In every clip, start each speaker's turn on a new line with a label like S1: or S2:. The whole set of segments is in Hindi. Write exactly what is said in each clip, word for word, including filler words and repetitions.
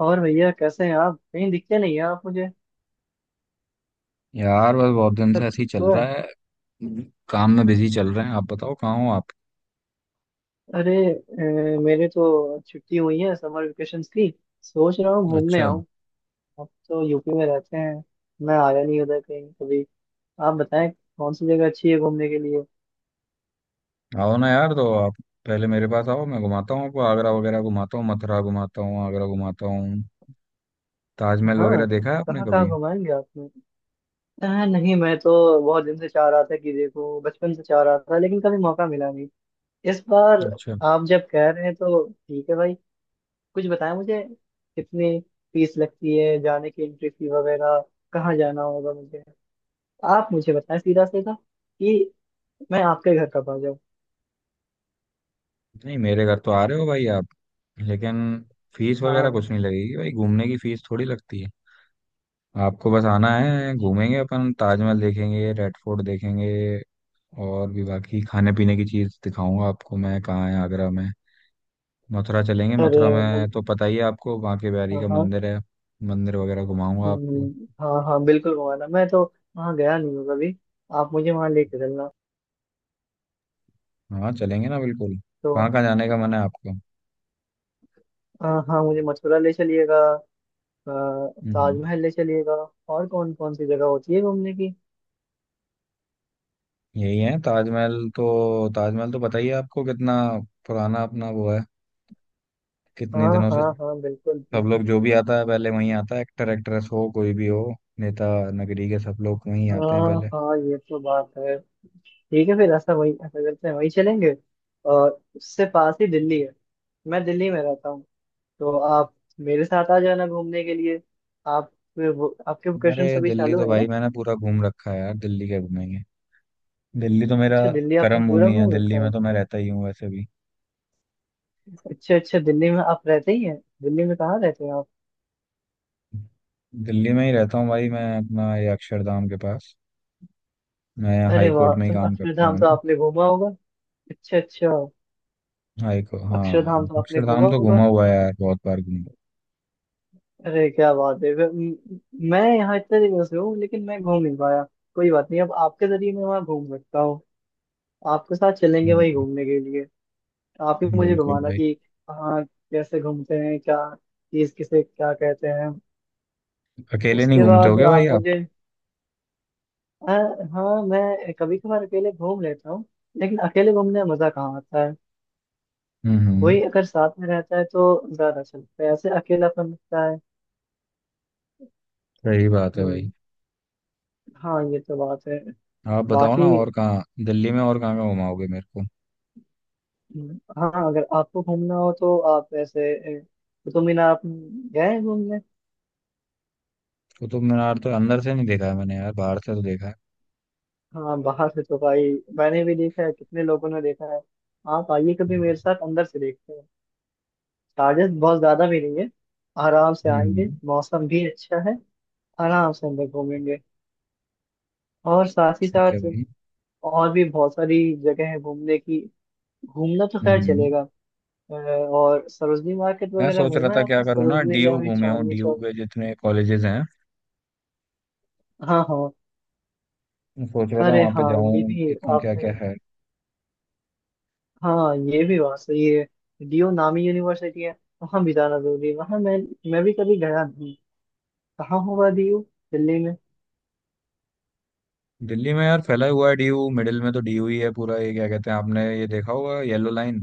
S1: और भैया कैसे हैं आप? कहीं दिखते नहीं हैं आप मुझे।
S2: यार बस बहुत दिन से
S1: सब
S2: ऐसे ही
S1: ठीक
S2: चल
S1: तो है?
S2: रहा है। काम में बिजी चल रहे हैं। आप बताओ कहाँ हो आप?
S1: अरे अ, मेरे तो छुट्टी हुई है समर वेकेशन की। सोच रहा हूँ घूमने
S2: अच्छा।
S1: आऊँ। आप तो यू पी में रहते हैं। मैं आया नहीं उधर कहीं कभी। आप बताएं कौन सी जगह अच्छी है घूमने के लिए।
S2: आओ ना यार, तो आप पहले मेरे पास आओ, मैं घुमाता हूँ आपको, आगरा वगैरह घुमाता हूँ, मथुरा घुमाता हूँ, आगरा घुमाता हूँ। ताजमहल वगैरह
S1: हाँ।
S2: देखा है आपने
S1: कहाँ कहाँ
S2: कभी?
S1: घुमाएंगे आपने? अ, नहीं, मैं तो बहुत दिन से चाह रहा था, कि देखो बचपन से चाह रहा था, लेकिन कभी मौका मिला नहीं। इस बार
S2: अच्छा।
S1: आप जब कह रहे हैं तो ठीक है भाई। कुछ बताएं मुझे। कितनी फीस लगती है जाने की, एंट्री फी वगैरह? कहाँ जाना होगा मुझे? आप मुझे बताएं सीधा सीधा, कि मैं आपके घर कब आ जाऊँ।
S2: नहीं, मेरे घर तो आ रहे हो भाई आप, लेकिन फीस वगैरह
S1: हाँ।
S2: कुछ नहीं लगेगी भाई, घूमने की फीस थोड़ी लगती है। आपको बस आना है, घूमेंगे अपन, ताजमहल देखेंगे, रेड फोर्ट देखेंगे और भी बाकी खाने पीने की चीज़ दिखाऊंगा आपको मैं। कहाँ है आगरा में, मथुरा चलेंगे।
S1: अरे
S2: मथुरा
S1: मतलब,
S2: में तो पता ही है आपको, बांके बिहारी
S1: हाँ
S2: का
S1: हाँ।
S2: मंदिर है, मंदिर वगैरह घुमाऊंगा आपको।
S1: हम्म, हाँ हाँ, बिल्कुल घुमाना, मैं तो वहाँ गया नहीं हूँ कभी। आप मुझे वहाँ लेके चलना।
S2: हाँ, चलेंगे ना बिल्कुल। कहाँ
S1: तो,
S2: कहाँ जाने का मन है आपको?
S1: हाँ हाँ, मुझे मथुरा ले चलिएगा, अ,
S2: हम्म।
S1: ताजमहल ले चलिएगा। और कौन कौन सी जगह होती है घूमने की?
S2: यही है ताजमहल तो, ताजमहल तो पता ही है आपको, कितना पुराना अपना वो है, कितने
S1: हाँ
S2: दिनों से।
S1: हाँ हाँ बिल्कुल
S2: सब
S1: बिल्कुल।
S2: लोग जो भी आता है पहले वहीं आता है, एक्टर एक्ट्रेस हो कोई भी हो, नेता नगरी के सब लोग वहीं आते हैं
S1: हाँ
S2: पहले।
S1: हाँ, ये तो बात है। ठीक है फिर, ऐसा वही, ऐसा करते हैं, वही चलेंगे। और उससे पास ही दिल्ली है। मैं दिल्ली में रहता हूँ, तो आप मेरे साथ आ जाना घूमने के लिए। आप वो, आपके
S2: अरे
S1: वोकेशन सभी
S2: दिल्ली
S1: चालू
S2: तो
S1: है
S2: भाई
S1: ना?
S2: मैंने पूरा घूम रखा है यार, दिल्ली क्या घूमेंगे। दिल्ली तो मेरा
S1: अच्छा, दिल्ली आपने
S2: कर्म
S1: पूरा
S2: भूमि है,
S1: घूम रखा
S2: दिल्ली में
S1: है।
S2: तो मैं रहता ही हूँ वैसे भी।
S1: अच्छा अच्छा, दिल्ली में आप रहते ही हैं। दिल्ली में कहाँ रहते हैं आप?
S2: दिल्ली में ही रहता हूँ भाई मैं, अपना ये अक्षरधाम के पास। मैं यहाँ
S1: अरे
S2: हाई
S1: वाह,
S2: कोर्ट में ही
S1: तो
S2: काम करता
S1: अक्षरधाम
S2: हूँ
S1: तो
S2: ना।
S1: आपने घूमा होगा। अच्छा अच्छा।
S2: हाई को हाँ,
S1: अक्षरधाम तो आपने
S2: अक्षरधाम
S1: घूमा
S2: तो
S1: होगा।
S2: घूमा हुआ है यार, बहुत बार घूमा
S1: अरे क्या बात है! वे- म- मैं यहाँ इतने दिनों से हूँ, लेकिन मैं घूम नहीं पाया। कोई बात नहीं, अब आपके जरिए मैं वहाँ घूम सकता हूँ। आपके साथ चलेंगे
S2: हुआ
S1: वही
S2: है।
S1: घूमने के लिए। आप ही मुझे
S2: बिल्कुल
S1: घुमाना,
S2: भाई।
S1: कि हाँ, कैसे घूमते हैं, क्या चीज, किसे क्या कहते हैं।
S2: अकेले नहीं
S1: उसके
S2: घूमते
S1: बाद
S2: होगे भाई
S1: आप
S2: आप?
S1: मुझे। हाँ। हाँ मैं कभी कभार अकेले घूम लेता हूँ। लेकिन अकेले घूमने में मजा कहाँ आता है।
S2: हम्म हम्म।
S1: कोई अगर साथ में रहता है तो ज्यादा अच्छा लगता है, ऐसे अकेलापन लगता है।
S2: सही बात है भाई।
S1: हम्म। हाँ, ये तो बात है।
S2: आप बताओ ना,
S1: बाकी,
S2: और कहाँ दिल्ली में, और कहाँ कहाँ घुमाओगे मेरे को?
S1: हम्म, हाँ, अगर आपको घूमना हो तो आप ऐसे ए, कुतुब मीनार आप गए हैं घूमने?
S2: कुतुब मीनार तो अंदर से नहीं देखा है मैंने यार, बाहर से तो देखा है।
S1: हाँ बाहर से तो भाई मैंने भी देखा है, कितने लोगों ने देखा है। आप आइए कभी मेरे साथ, अंदर से देखते हैं। चार्जेस बहुत ज्यादा भी नहीं है। आराम से आएंगे,
S2: हम्म।
S1: मौसम भी अच्छा है। आराम से अंदर घूमेंगे। और साथ ही
S2: ठीक है
S1: साथ
S2: भाई।
S1: और भी बहुत सारी जगह है घूमने की। घूमना तो
S2: हम्म
S1: खैर
S2: हम्म।
S1: चलेगा। अ, और सरोजनी मार्केट
S2: मैं
S1: वगैरह
S2: सोच रहा
S1: घूमा है
S2: था क्या
S1: आपने,
S2: करूँ ना,
S1: सरोजनी या
S2: डीयू
S1: फिर
S2: घूमे आऊँ,
S1: चांदनी
S2: डीयू
S1: चौक?
S2: के जितने कॉलेजेस हैं,
S1: हाँ हाँ।
S2: मैं सोच रहा था
S1: अरे
S2: वहां पे
S1: हाँ, ये
S2: जाऊं,
S1: भी
S2: देखूं क्या क्या
S1: आपने।
S2: है।
S1: हाँ, ये भी बात सही है। डीयू नामी यूनिवर्सिटी है। वहाँ भी जाना जरूरी है, वहाँ मैं मैं भी कभी गया नहीं। कहाँ होगा डी यू, दिल्ली में?
S2: दिल्ली में यार फैला हुआ है डीयू, मिडिल में तो डीयू ही है पूरा, ये क्या कहते हैं, आपने ये देखा होगा येलो लाइन,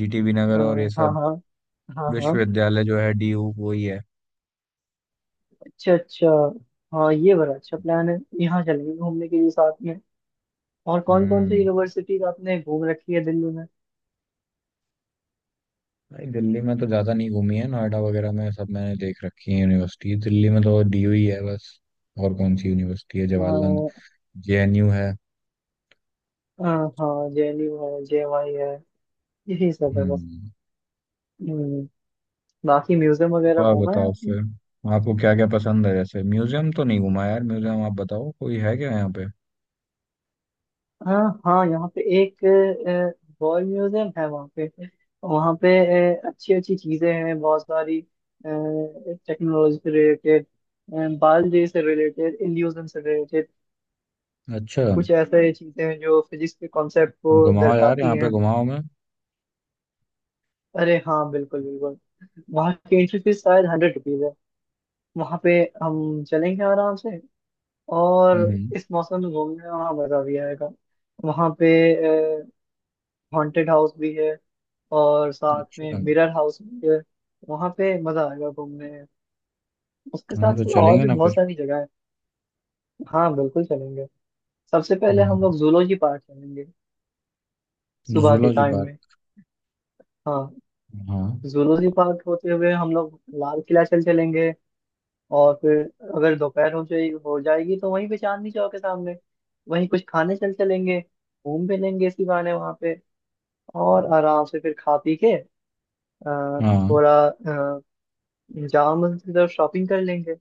S2: जीटीबी नगर
S1: हाँ
S2: और ये
S1: हाँ
S2: सब।
S1: हाँ हाँ हाँ।
S2: विश्वविद्यालय जो है, डीयू वो ही है।
S1: अच्छा अच्छा। हाँ, ये बड़ा अच्छा प्लान है, यहाँ चलेंगे घूमने के लिए साथ में। और कौन कौन सी
S2: हम्म।
S1: यूनिवर्सिटीज आपने घूम रखी है दिल्ली में?
S2: भाई दिल्ली में तो ज्यादा नहीं घूमी है, नोएडा वगैरह में सब मैंने देख रखी है यूनिवर्सिटी, दिल्ली में तो डीयू ही है बस। और कौन सी यूनिवर्सिटी है,
S1: आ,
S2: जवाहरलाल जेएनयू है।
S1: आ, हाँ, जे एन यू है, जे एम आई है। यही सब है बस।
S2: हम्म।
S1: हम्म, बाकी म्यूजियम वगैरह
S2: और
S1: घूमा है
S2: बताओ
S1: आपने?
S2: फिर, आपको क्या क्या पसंद है? जैसे म्यूजियम तो नहीं घुमा यार, म्यूजियम आप बताओ, कोई है क्या यहाँ पे?
S1: हाँ हाँ, यहाँ पे एक वॉर म्यूजियम है वहाँ पे। वहाँ पे अच्छी अच्छी चीजें हैं बहुत सारी। टेक्नोलॉजी से रिलेटेड, बायोलॉजी से रिलेटेड, इल्यूजन से रिलेटेड।
S2: अच्छा।
S1: कुछ ऐसे चीजें हैं जो फिजिक्स के कॉन्सेप्ट को
S2: घुमाओ यार,
S1: दर्शाती
S2: यहाँ पे
S1: हैं।
S2: घुमाओ मैं।
S1: अरे हाँ बिल्कुल बिल्कुल। वहाँ की एंट्री फीस शायद हंड्रेड रुपीज है वहाँ पे। हम चलेंगे आराम से। और
S2: हम्म।
S1: इस मौसम में घूमने में वहाँ मजा भी आएगा। वहाँ पे हॉन्टेड हाउस भी है, और साथ में
S2: अच्छा।
S1: मिरर हाउस भी है। वहां पे मजा आएगा घूमने में। उसके साथ
S2: हाँ, तो
S1: साथ और
S2: चलेंगे
S1: भी
S2: ना
S1: बहुत
S2: फिर।
S1: सारी जगह है। हाँ बिल्कुल चलेंगे। सबसे पहले
S2: हम्म।
S1: हम लोग जूलॉजी पार्क चलेंगे, सुबह के
S2: जूलॉजी
S1: टाइम में।
S2: पार्क?
S1: हाँ।
S2: हाँ।
S1: जूलॉजी पार्क होते हुए हम लोग लाल किला चल चलेंगे। और फिर अगर दोपहर हो जाए, हो जाएगी, तो वहीं पे चांदनी चौक के सामने वहीं कुछ खाने चल चलेंगे। घूम भी लेंगे इसी बहाने वहां पे। और आराम से फिर खा पी के अ,
S2: हाँ,
S1: थोड़ा अ, जामा मस्जिद और शॉपिंग कर लेंगे।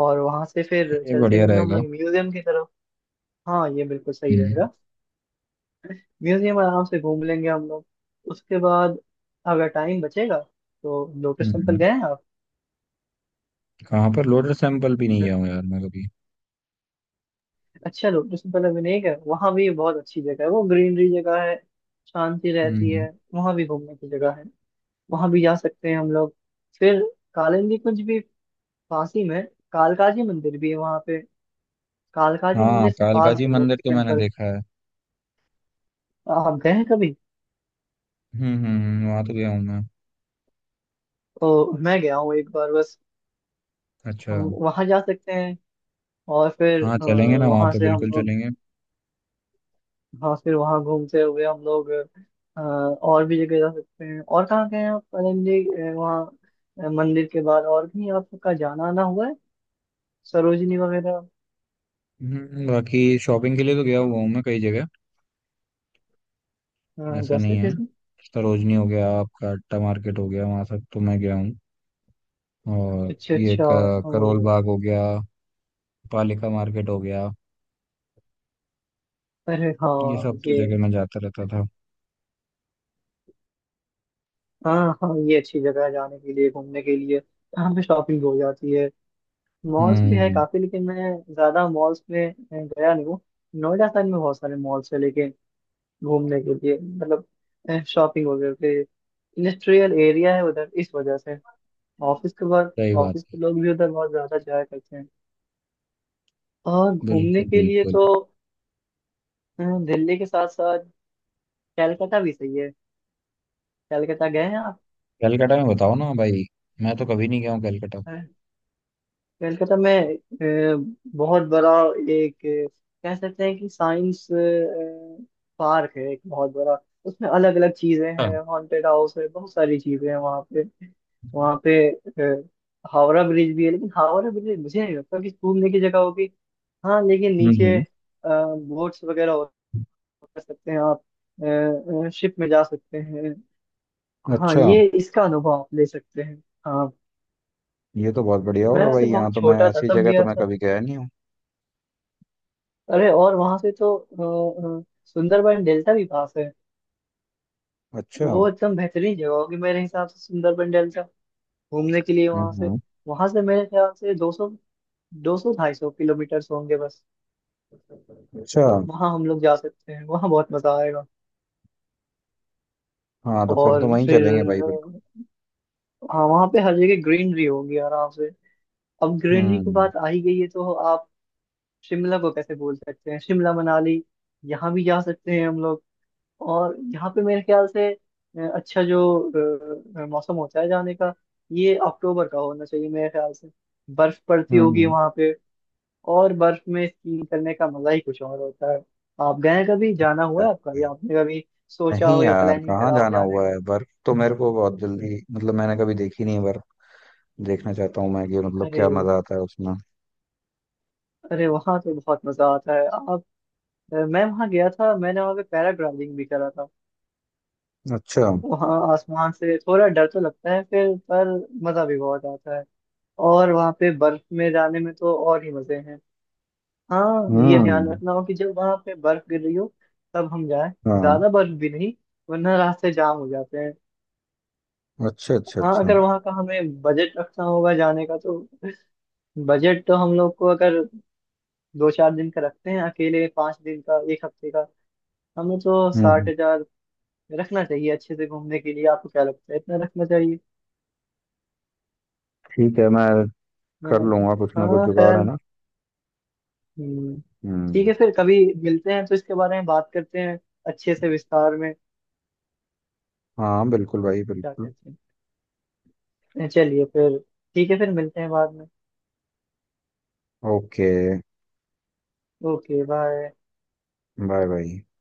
S1: और वहां से फिर
S2: ये
S1: चल
S2: बढ़िया
S1: चलेंगे हम
S2: रहेगा।
S1: लोग म्यूजियम की तरफ। हाँ, ये बिल्कुल सही
S2: हम्म
S1: रहेगा। म्यूजियम आराम से घूम लेंगे हम लोग। उसके बाद अगर टाइम बचेगा, तो लोटस टेम्पल
S2: हम्म
S1: गए हैं आप?
S2: कहाँ पर? लोटस टेम्पल भी नहीं गया
S1: लोटस,
S2: हूँ यार मैं कभी।
S1: अच्छा लोटस टेम्पल अभी नहीं गए, वहाँ भी बहुत अच्छी जगह है, वो ग्रीनरी जगह है। शांति रहती
S2: हम्म।
S1: है, वहाँ भी घूमने की जगह है। वहाँ भी जा सकते हैं हम लोग। फिर कालिंदी कुंज भी पास ही में। कालकाजी मंदिर भी है वहाँ पे। कालकाजी
S2: हाँ,
S1: मंदिर से
S2: कालका
S1: पास
S2: जी
S1: है
S2: मंदिर
S1: लोटस
S2: तो मैंने
S1: टेम्पल।
S2: देखा है।
S1: आप गए हैं कभी?
S2: हम्म हम्म हम्म, वहाँ तो गया हूँ मैं।
S1: तो मैं गया हूँ एक बार बस।
S2: अच्छा।
S1: हम वहां जा सकते हैं, और फिर
S2: हाँ, चलेंगे ना, वहाँ
S1: वहां
S2: पे
S1: से हम
S2: बिल्कुल
S1: लोग,
S2: चलेंगे।
S1: हाँ फिर वहां घूमते हुए हम लोग अ, और भी जगह जा सकते हैं। और कहाँ गए हैं आप आनंद जी? अ, वहाँ अ, मंदिर के बाद, और भी आपका जाना आना हुआ है सरोजनी वगैरह?
S2: हम्म हम्म, बाकी शॉपिंग के लिए तो गया हुआ हूँ मैं कई जगह।
S1: अ,
S2: ऐसा नहीं
S1: जैसे
S2: है।
S1: जैसे।
S2: सरोजनी हो गया आपका, अट्टा मार्केट हो गया, वहाँ सब तो मैं गया हूँ। और
S1: अच्छा
S2: ये
S1: अच्छा।
S2: क-
S1: ओ।
S2: करोल बाग हो गया, पालिका मार्केट हो गया,
S1: अरे
S2: ये
S1: हाँ
S2: सब तो
S1: ये।
S2: जगह मैं जाता रहता था।
S1: हाँ हाँ, ये अच्छी जगह है जाने के लिए, घूमने के लिए, यहाँ पे शॉपिंग हो जाती है। मॉल्स भी है
S2: हम्म।
S1: काफी, लेकिन मैं ज्यादा मॉल्स में अ, गया नहीं हूँ। नोएडा साइड में बहुत सारे मॉल्स है घूमने के लिए, मतलब शॉपिंग वगैरह पे, इंडस्ट्रियल एरिया है उधर इस वजह से। ऑफिस के बाद
S2: सही बात।
S1: ऑफिस के लोग भी उधर बहुत ज्यादा जाया करते हैं। और घूमने
S2: बिल्कुल
S1: के लिए
S2: बिल्कुल।
S1: तो, अ, दिल्ली के साथ साथ कैलकाटा भी सही है। कैलकाटा गए हैं
S2: कलकत्ता में बताओ ना भाई, मैं तो कभी नहीं गया हूँ कलकत्ता।
S1: आप? कलकत्ता में अ, बहुत बड़ा एक, अ, कह सकते हैं कि, साइंस पार्क है एक बहुत बड़ा। उसमें अलग अलग चीजें
S2: हाँ।
S1: हैं, हॉन्टेड हाउस है, बहुत सारी चीजें हैं वहाँ पे। वहाँ पे अ, हावड़ा ब्रिज भी है, लेकिन हावड़ा ब्रिज मुझे नहीं लगता कि घूमने की जगह होगी। हाँ, लेकिन
S2: हम्म
S1: नीचे
S2: हम्म।
S1: बोट्स वगैरह हो, कर सकते हैं, आप शिप में जा सकते हैं। हाँ,
S2: अच्छा।
S1: ये इसका अनुभव आप ले सकते हैं। हाँ।
S2: ये तो बहुत बढ़िया
S1: मैं
S2: होगा भाई,
S1: वैसे
S2: यहाँ
S1: बहुत
S2: तो मैं,
S1: छोटा था
S2: ऐसी
S1: तब
S2: जगह तो
S1: गया
S2: मैं
S1: था।
S2: कभी गया नहीं हूँ।
S1: अरे और वहां से तो अ, अ, सुंदरबन डेल्टा भी पास है।
S2: अच्छा।
S1: वो एकदम बेहतरीन जगह होगी मेरे हिसाब से, सुंदरबन डेल्टा घूमने के लिए,
S2: हम्म
S1: वहां से।
S2: हम्म।
S1: वहां से मेरे ख्याल से दो सौ, दो सौ ढाई सौ किलोमीटर होंगे बस।
S2: अच्छा।
S1: वहां हम लोग जा सकते हैं, वहां बहुत मजा आएगा।
S2: हाँ, तो फिर
S1: और
S2: तो वहीं
S1: फिर
S2: चलेंगे भाई बिल्कुल।
S1: अ, हाँ, वहां पे हर जगह ग्रीनरी होगी आराम से। अब ग्रीनरी की
S2: हम्म
S1: बात आ ही गई है, तो आप शिमला को कैसे बोल सकते हैं, शिमला मनाली, यहाँ भी जा सकते हैं हम लोग। और यहाँ पे मेरे ख्याल से अ, अच्छा जो अ, मौसम होता है जाने का, ये अक्टूबर का होना चाहिए मेरे ख्याल से। बर्फ पड़ती
S2: हम्म
S1: होगी
S2: हम्म।
S1: वहां पे। और बर्फ में स्कीइंग करने का मजा ही कुछ और होता है। आप गए कभी, जाना हुआ है आपका, या आपने कभी सोचा
S2: नहीं
S1: हो, या
S2: यार,
S1: प्लानिंग
S2: कहाँ
S1: करा हो
S2: जाना
S1: जाने
S2: हुआ
S1: का?
S2: है, बर्फ तो मेरे को बहुत जल्दी, मतलब मैंने कभी देखी नहीं है बर्फ, देखना चाहता हूँ मैं कि मतलब
S1: अरे,
S2: क्या मजा आता है उसमें।
S1: अरे वहां तो बहुत मजा आता है आप। अ, मैं वहां गया था, मैंने वहां पे पैराग्लाइडिंग भी करा था।
S2: अच्छा।
S1: वहां आसमान से थोड़ा डर तो लगता है फिर, पर मजा भी बहुत आता है। और वहां पे बर्फ में जाने में तो और ही मजे हैं। हाँ, ये ध्यान
S2: हम्म।
S1: रखना हो कि जब वहां पे बर्फ गिर रही हो तब हम जाएं।
S2: हाँ।
S1: ज्यादा बर्फ भी नहीं, वरना रास्ते जाम हो जाते हैं।
S2: अच्छा अच्छा
S1: हाँ,
S2: अच्छा।
S1: अगर
S2: हम्म।
S1: वहां का हमें बजट रखना होगा जाने का, तो बजट तो हम लोग को, अगर दो चार दिन का रखते हैं, अकेले पांच दिन का, एक हफ्ते का, हमें तो साठ
S2: हम्म,
S1: हजार रखना चाहिए अच्छे से घूमने के लिए। आपको क्या लगता है, इतना रखना चाहिए?
S2: ठीक है, मैं कर
S1: हाँ।
S2: लूंगा कुछ ना कुछ,
S1: हाँ,
S2: जुगाड़ है
S1: खैर।
S2: ना।
S1: हम्म। ठीक है,
S2: हम्म।
S1: फिर कभी मिलते हैं तो इसके बारे में बात करते हैं अच्छे से, विस्तार में।
S2: हाँ बिल्कुल भाई
S1: क्या
S2: बिल्कुल।
S1: कहते हैं, चलिए फिर। ठीक है, फिर मिलते हैं बाद में।
S2: Okay.
S1: Okay bye.
S2: Bye bye.